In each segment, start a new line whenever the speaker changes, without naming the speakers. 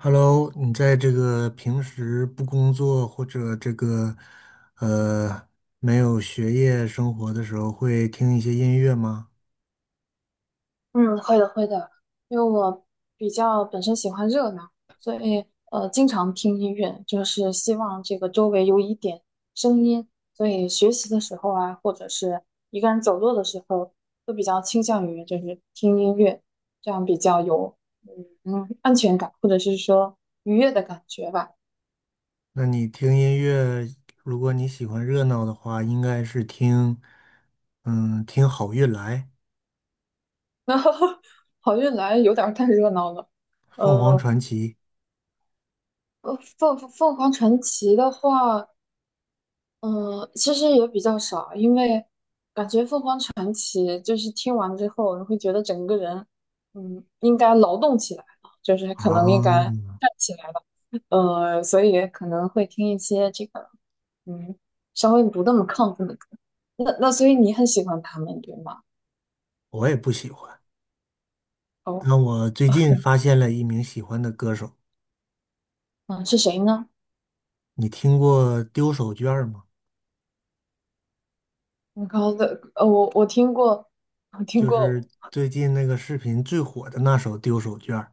Hello，你在这个平时不工作或者这个呃没有学业生活的时候，会听一些音乐吗？
嗯，会的，会的，因为我比较本身喜欢热闹，所以经常听音乐，就是希望这个周围有一点声音，所以学习的时候啊，或者是一个人走路的时候，都比较倾向于就是听音乐，这样比较有安全感，或者是说愉悦的感觉吧。
那你听音乐，如果你喜欢热闹的话，应该是听听好运来、
然后好运来有点儿太热闹了，
凤凰
呃，
传奇
凤凰传奇的话。其实也比较少，因为感觉凤凰传奇就是听完之后，你会觉得整个人，嗯，应该劳动起来了，就是可能应
啊，
该站起来了，所以可能会听一些这个，嗯，稍微不那么亢奋的歌。那所以你很喜欢他们，对吗？
我也不喜欢，
哦，
那我最近发现了一名喜欢的歌手，
嗯，是谁呢？
你听过丢手绢吗？
你刚的，我听过，我听
就
过，
是最近那个视频最火的那首《丢手绢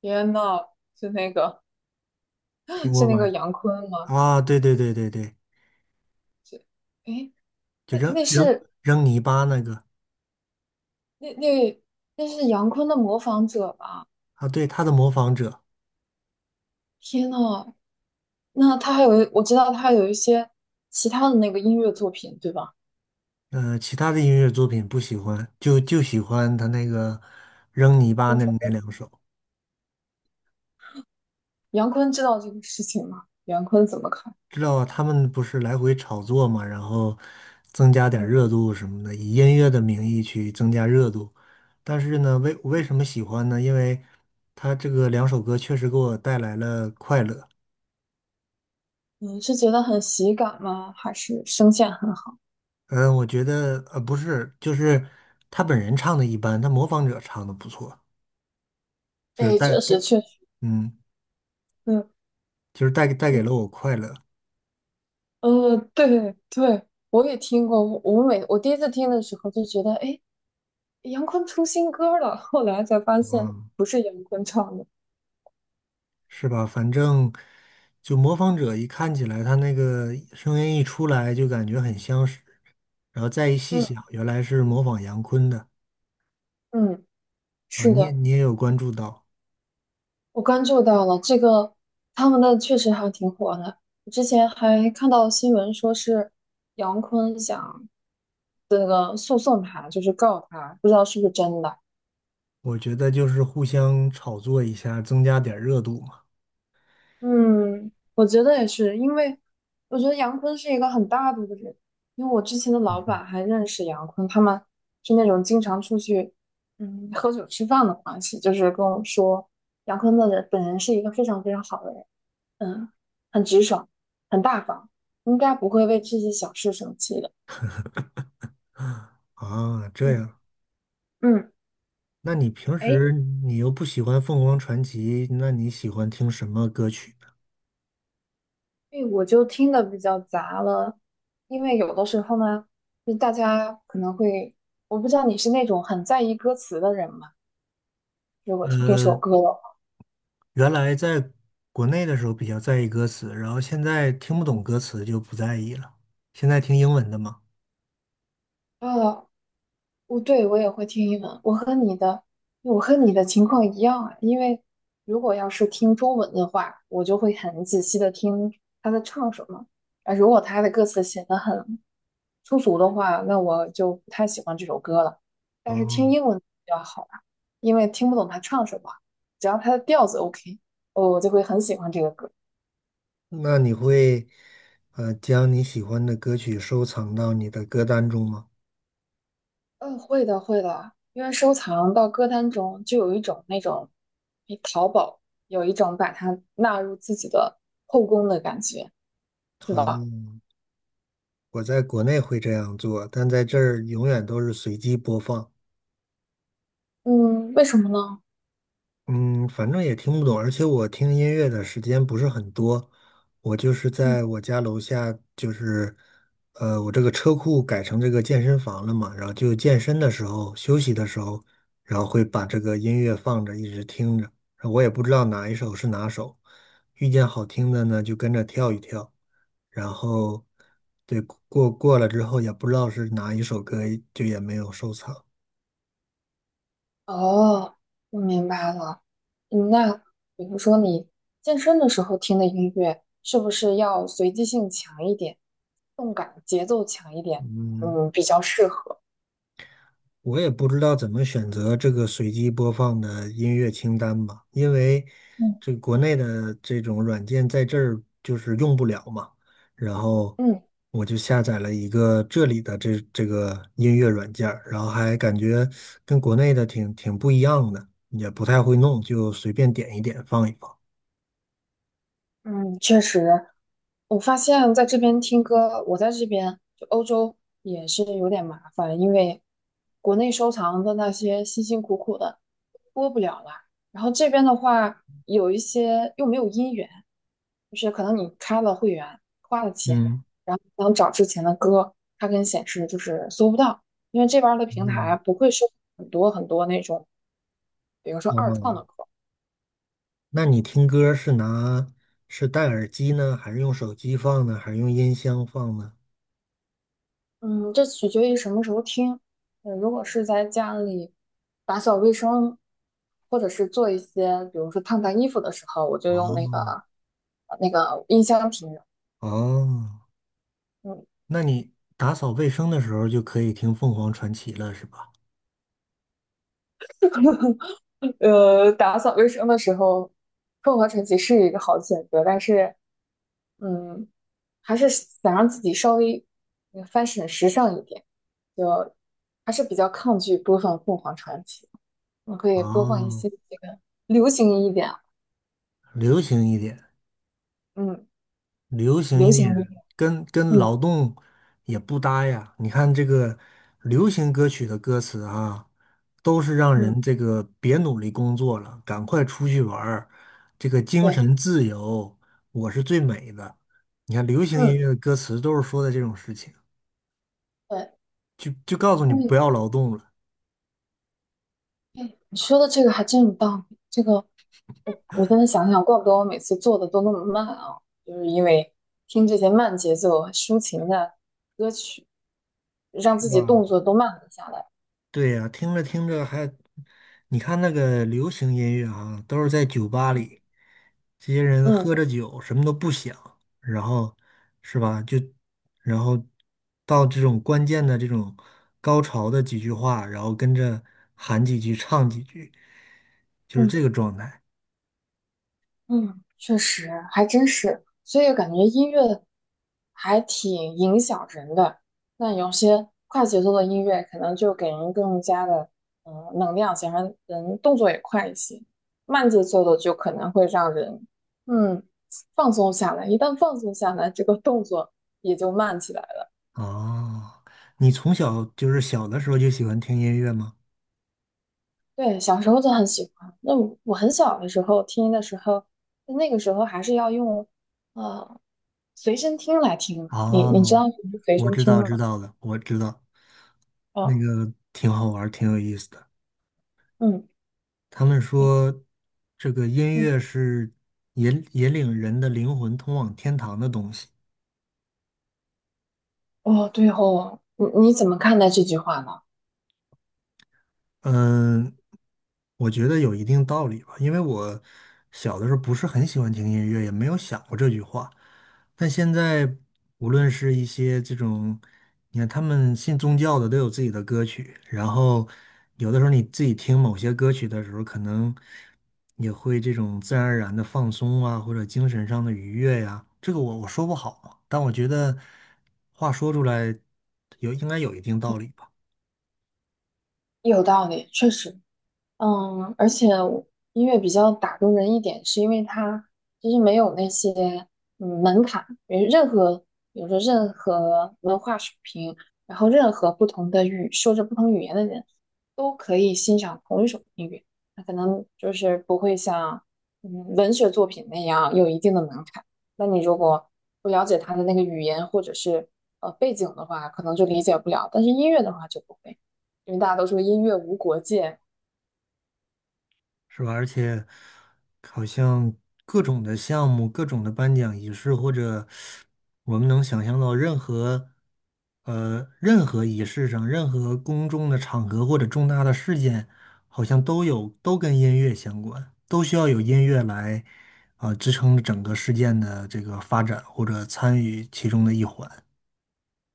天呐，是那个
听 过
是那
吗？
个杨坤吗？
啊，对对对对对，
是，诶。
就
那
扔
那
扔
是
扔泥巴那个
那那那是杨坤的模仿者吧？
啊，对，他的模仿者。
天呐，那他还有，我知道他还有一些其他的那个音乐作品，对吧？
呃，其他的音乐作品不喜欢，就喜欢他那个扔泥巴
就
那
首
那
先，
两首。
杨坤知道这个事情吗？杨坤怎么看？
知道他们不是来回炒作嘛，然后增加点
嗯，
热度什么的，以音乐的名义去增加热度。但是呢，为什么喜欢呢？因为他这个两首歌确实给我带来了快乐。
你是觉得很喜感吗？还是声线很好？
嗯、我觉得不是，就是他本人唱的一般，他模仿者唱的不错。就是
哎，
带，
确实确实，
嗯，
嗯
就是带给
嗯
了我快乐。
对对，我也听过。我第一次听的时候就觉得，哎，杨坤出新歌了。后来才发现
嗯，
不是杨坤唱的。
是吧？反正就模仿者一看起来，他那个声音一出来就感觉很相识，然后再一细
嗯
想，原来是模仿杨坤的。
嗯，
啊！
是
你也
的。
你也有关注到。
我关注到了这个，他们的确实还挺火的。我之前还看到新闻说是杨坤想这个诉讼他，就是告他，不知道是不是真的。
我觉得就是互相炒作一下，增加点儿热度嘛。
嗯，我觉得也是，因为我觉得杨坤是一个很大度的人，因为我之前的老
嗯哼。
板还认识杨坤，他们是那种经常出去喝酒吃饭的关系，就是跟我说杨坤的人本人是一个非常非常好的人。嗯，很直爽，很大方，应该不会为这些小事生气的。
啊，这
嗯，
样。
嗯，
那你平
哎，
时你又不喜欢凤凰传奇，那你喜欢听什么歌曲呢？
所我就听的比较杂了，因为有的时候呢，就大家可能会，我不知道你是那种很在意歌词的人吗？如果听这首
呃
歌的话，
原来在国内的时候比较在意歌词，然后现在听不懂歌词就不在意了。现在听英文的吗？
啊我对我也会听英文，我和你的情况一样啊。因为如果要是听中文的话，我就会很仔细的听他在唱什么。啊，如果他的歌词写的很粗俗的话，那我就不太喜欢这首歌了。但是听
哦，
英文比较好啊，因为听不懂他唱什么，只要他的调子 OK，哦我就会很喜欢这个歌。
那你会将你喜欢的歌曲收藏到你的歌单中吗？
嗯，会的，会的，因为收藏到歌单中就有一种那种，诶，淘宝有一种把它纳入自己的后宫的感觉，是
哦，
吧？
我在国内会这样做，但在这儿永远都是随机播放。
嗯，为什么呢？
嗯，反正也听不懂，而且我听音乐的时间不是很多。我就是
嗯，
在我家楼下，就是我这个车库改成这个健身房了嘛，然后就健身的时候、休息的时候，然后会把这个音乐放着，一直听着，然后我也不知道哪一首是哪首，遇见好听的呢就跟着跳一跳，然后对过了之后也不知道是哪一首歌，就也没有收藏。
哦，我明白了。嗯，那比如说你健身的时候听的音乐，是不是要随机性强一点，动感节奏强一点？
嗯，
嗯，比较适合。
我也不知道怎么选择这个随机播放的音乐清单吧，因为这
嗯
国内的这种软件在这儿就是用不了嘛。然后
嗯。
我就下载了一个这里的这个音乐软件儿，然后还感觉跟国内的挺不一样的，也不太会弄，就随便点一点放一放。
嗯，确实，我发现在这边听歌，我在这边就欧洲也是有点麻烦，因为国内收藏的那些辛辛苦苦的播不了了，然后这边的话有一些又没有音源，就是可能你开了会员，花了钱，
嗯
想找之前的歌，它跟显示就是搜不到，因为这边儿的平台
嗯，
不会收很多很多那种，比如说二创的
哦，
歌。
那你听歌是拿是戴耳机呢，还是用手机放呢，还是用音箱放呢？
嗯，这取决于什么时候听。如果是在家里打扫卫生，或者是做一些，比如说烫烫衣服的时候，我就用那个
哦。
呃那个音箱听着
哦，
嗯，
那你打扫卫生的时候就可以听凤凰传奇了，是吧？
打扫卫生的时候，凤凰传奇是一个好选择，但是，嗯，还是想让自己稍微嗯 fashion 时尚一点，就还是比较抗拒播放凤凰传奇。我可以播放一
哦，
些这个流行一点啊，
流行一点，
嗯。
流行
流
一
行音
点，
乐，
跟
嗯
劳动也不搭呀。你看这个流行歌曲的歌词啊，都是让
嗯，
人这个别努力工作了，赶快出去玩儿，这个精
对，
神自由，我是最美的。你看流行音
嗯
乐的歌词都是说的这种事情，
对，
就告诉你
那
不
你
要劳动了，
哎你说的这个还真有道理。这个我现在想想，怪不得我每次做的都那么慢啊，就是因为听这些慢节奏啊、抒情的歌曲，让
是
自己
吧？
动作都慢了下来。
对呀，听着听着还，你看那个流行音乐啊，都是在酒吧
嗯
里，这些人
嗯。
喝着酒，什么都不想，然后是吧？就然后到这种关键的这种高潮的几句话，然后跟着喊几句，唱几句，就是
嗯
这个状态
嗯，确实，还真是，所以感觉音乐还挺影响人的。那有些快节奏的音乐，可能就给人更加的能量，想让人动作也快一些。慢节奏的就可能会让人嗯放松下来，一旦放松下来，这个动作也就慢起来了。
啊。你从小就是小的时候就喜欢听音乐吗？
对，小时候就很喜欢。那我很小的时候听的时候，那个时候还是要用，呃随身听来听嘛。你
啊，
你知道什么是随
我
身
知
听
道
吗？
知道了，我知道，那
哦，
个挺好玩儿，挺有意思的。
嗯，
他们
诶
说，这个音
嗯，
乐是引领人的灵魂通往天堂的东西。
哦，对哦，你怎么看待这句话呢？
嗯，我觉得有一定道理吧，因为我小的时候不是很喜欢听音乐，也没有想过这句话。但现在，无论是一些这种，你看他们信宗教的都有自己的歌曲，然后有的时候你自己听某些歌曲的时候，可能也会这种自然而然的放松啊，或者精神上的愉悦呀、这个我说不好，但我觉得话说出来有应该有一定道理吧。
有道理，确实。嗯，而且我音乐比较打动人一点，是因为它其实没有那些门槛，因为任何比如说任何文化水平，然后任何不同的语说着不同语言的人都可以欣赏同一首音乐，那可能就是不会像文学作品那样有一定的门槛。那你如果不了解它的那个语言或者是背景的话，可能就理解不了，但是音乐的话就不会。因为大家都说音乐无国界，
是吧？而且好像各种的项目、各种的颁奖仪式，或者我们能想象到任何任何仪式上、任何公众的场合或者重大的事件，好像都有都跟音乐相关，都需要有音乐来啊、支撑整个事件的这个发展或者参与其中的一环。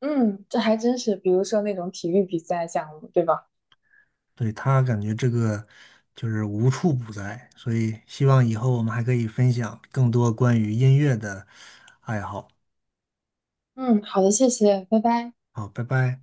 嗯，这还真是，比如说那种体育比赛项目，对吧？
对，他感觉这个就是无处不在，所以希望以后我们还可以分享更多关于音乐的爱好。
嗯，好的，谢谢，拜拜。
好，拜拜。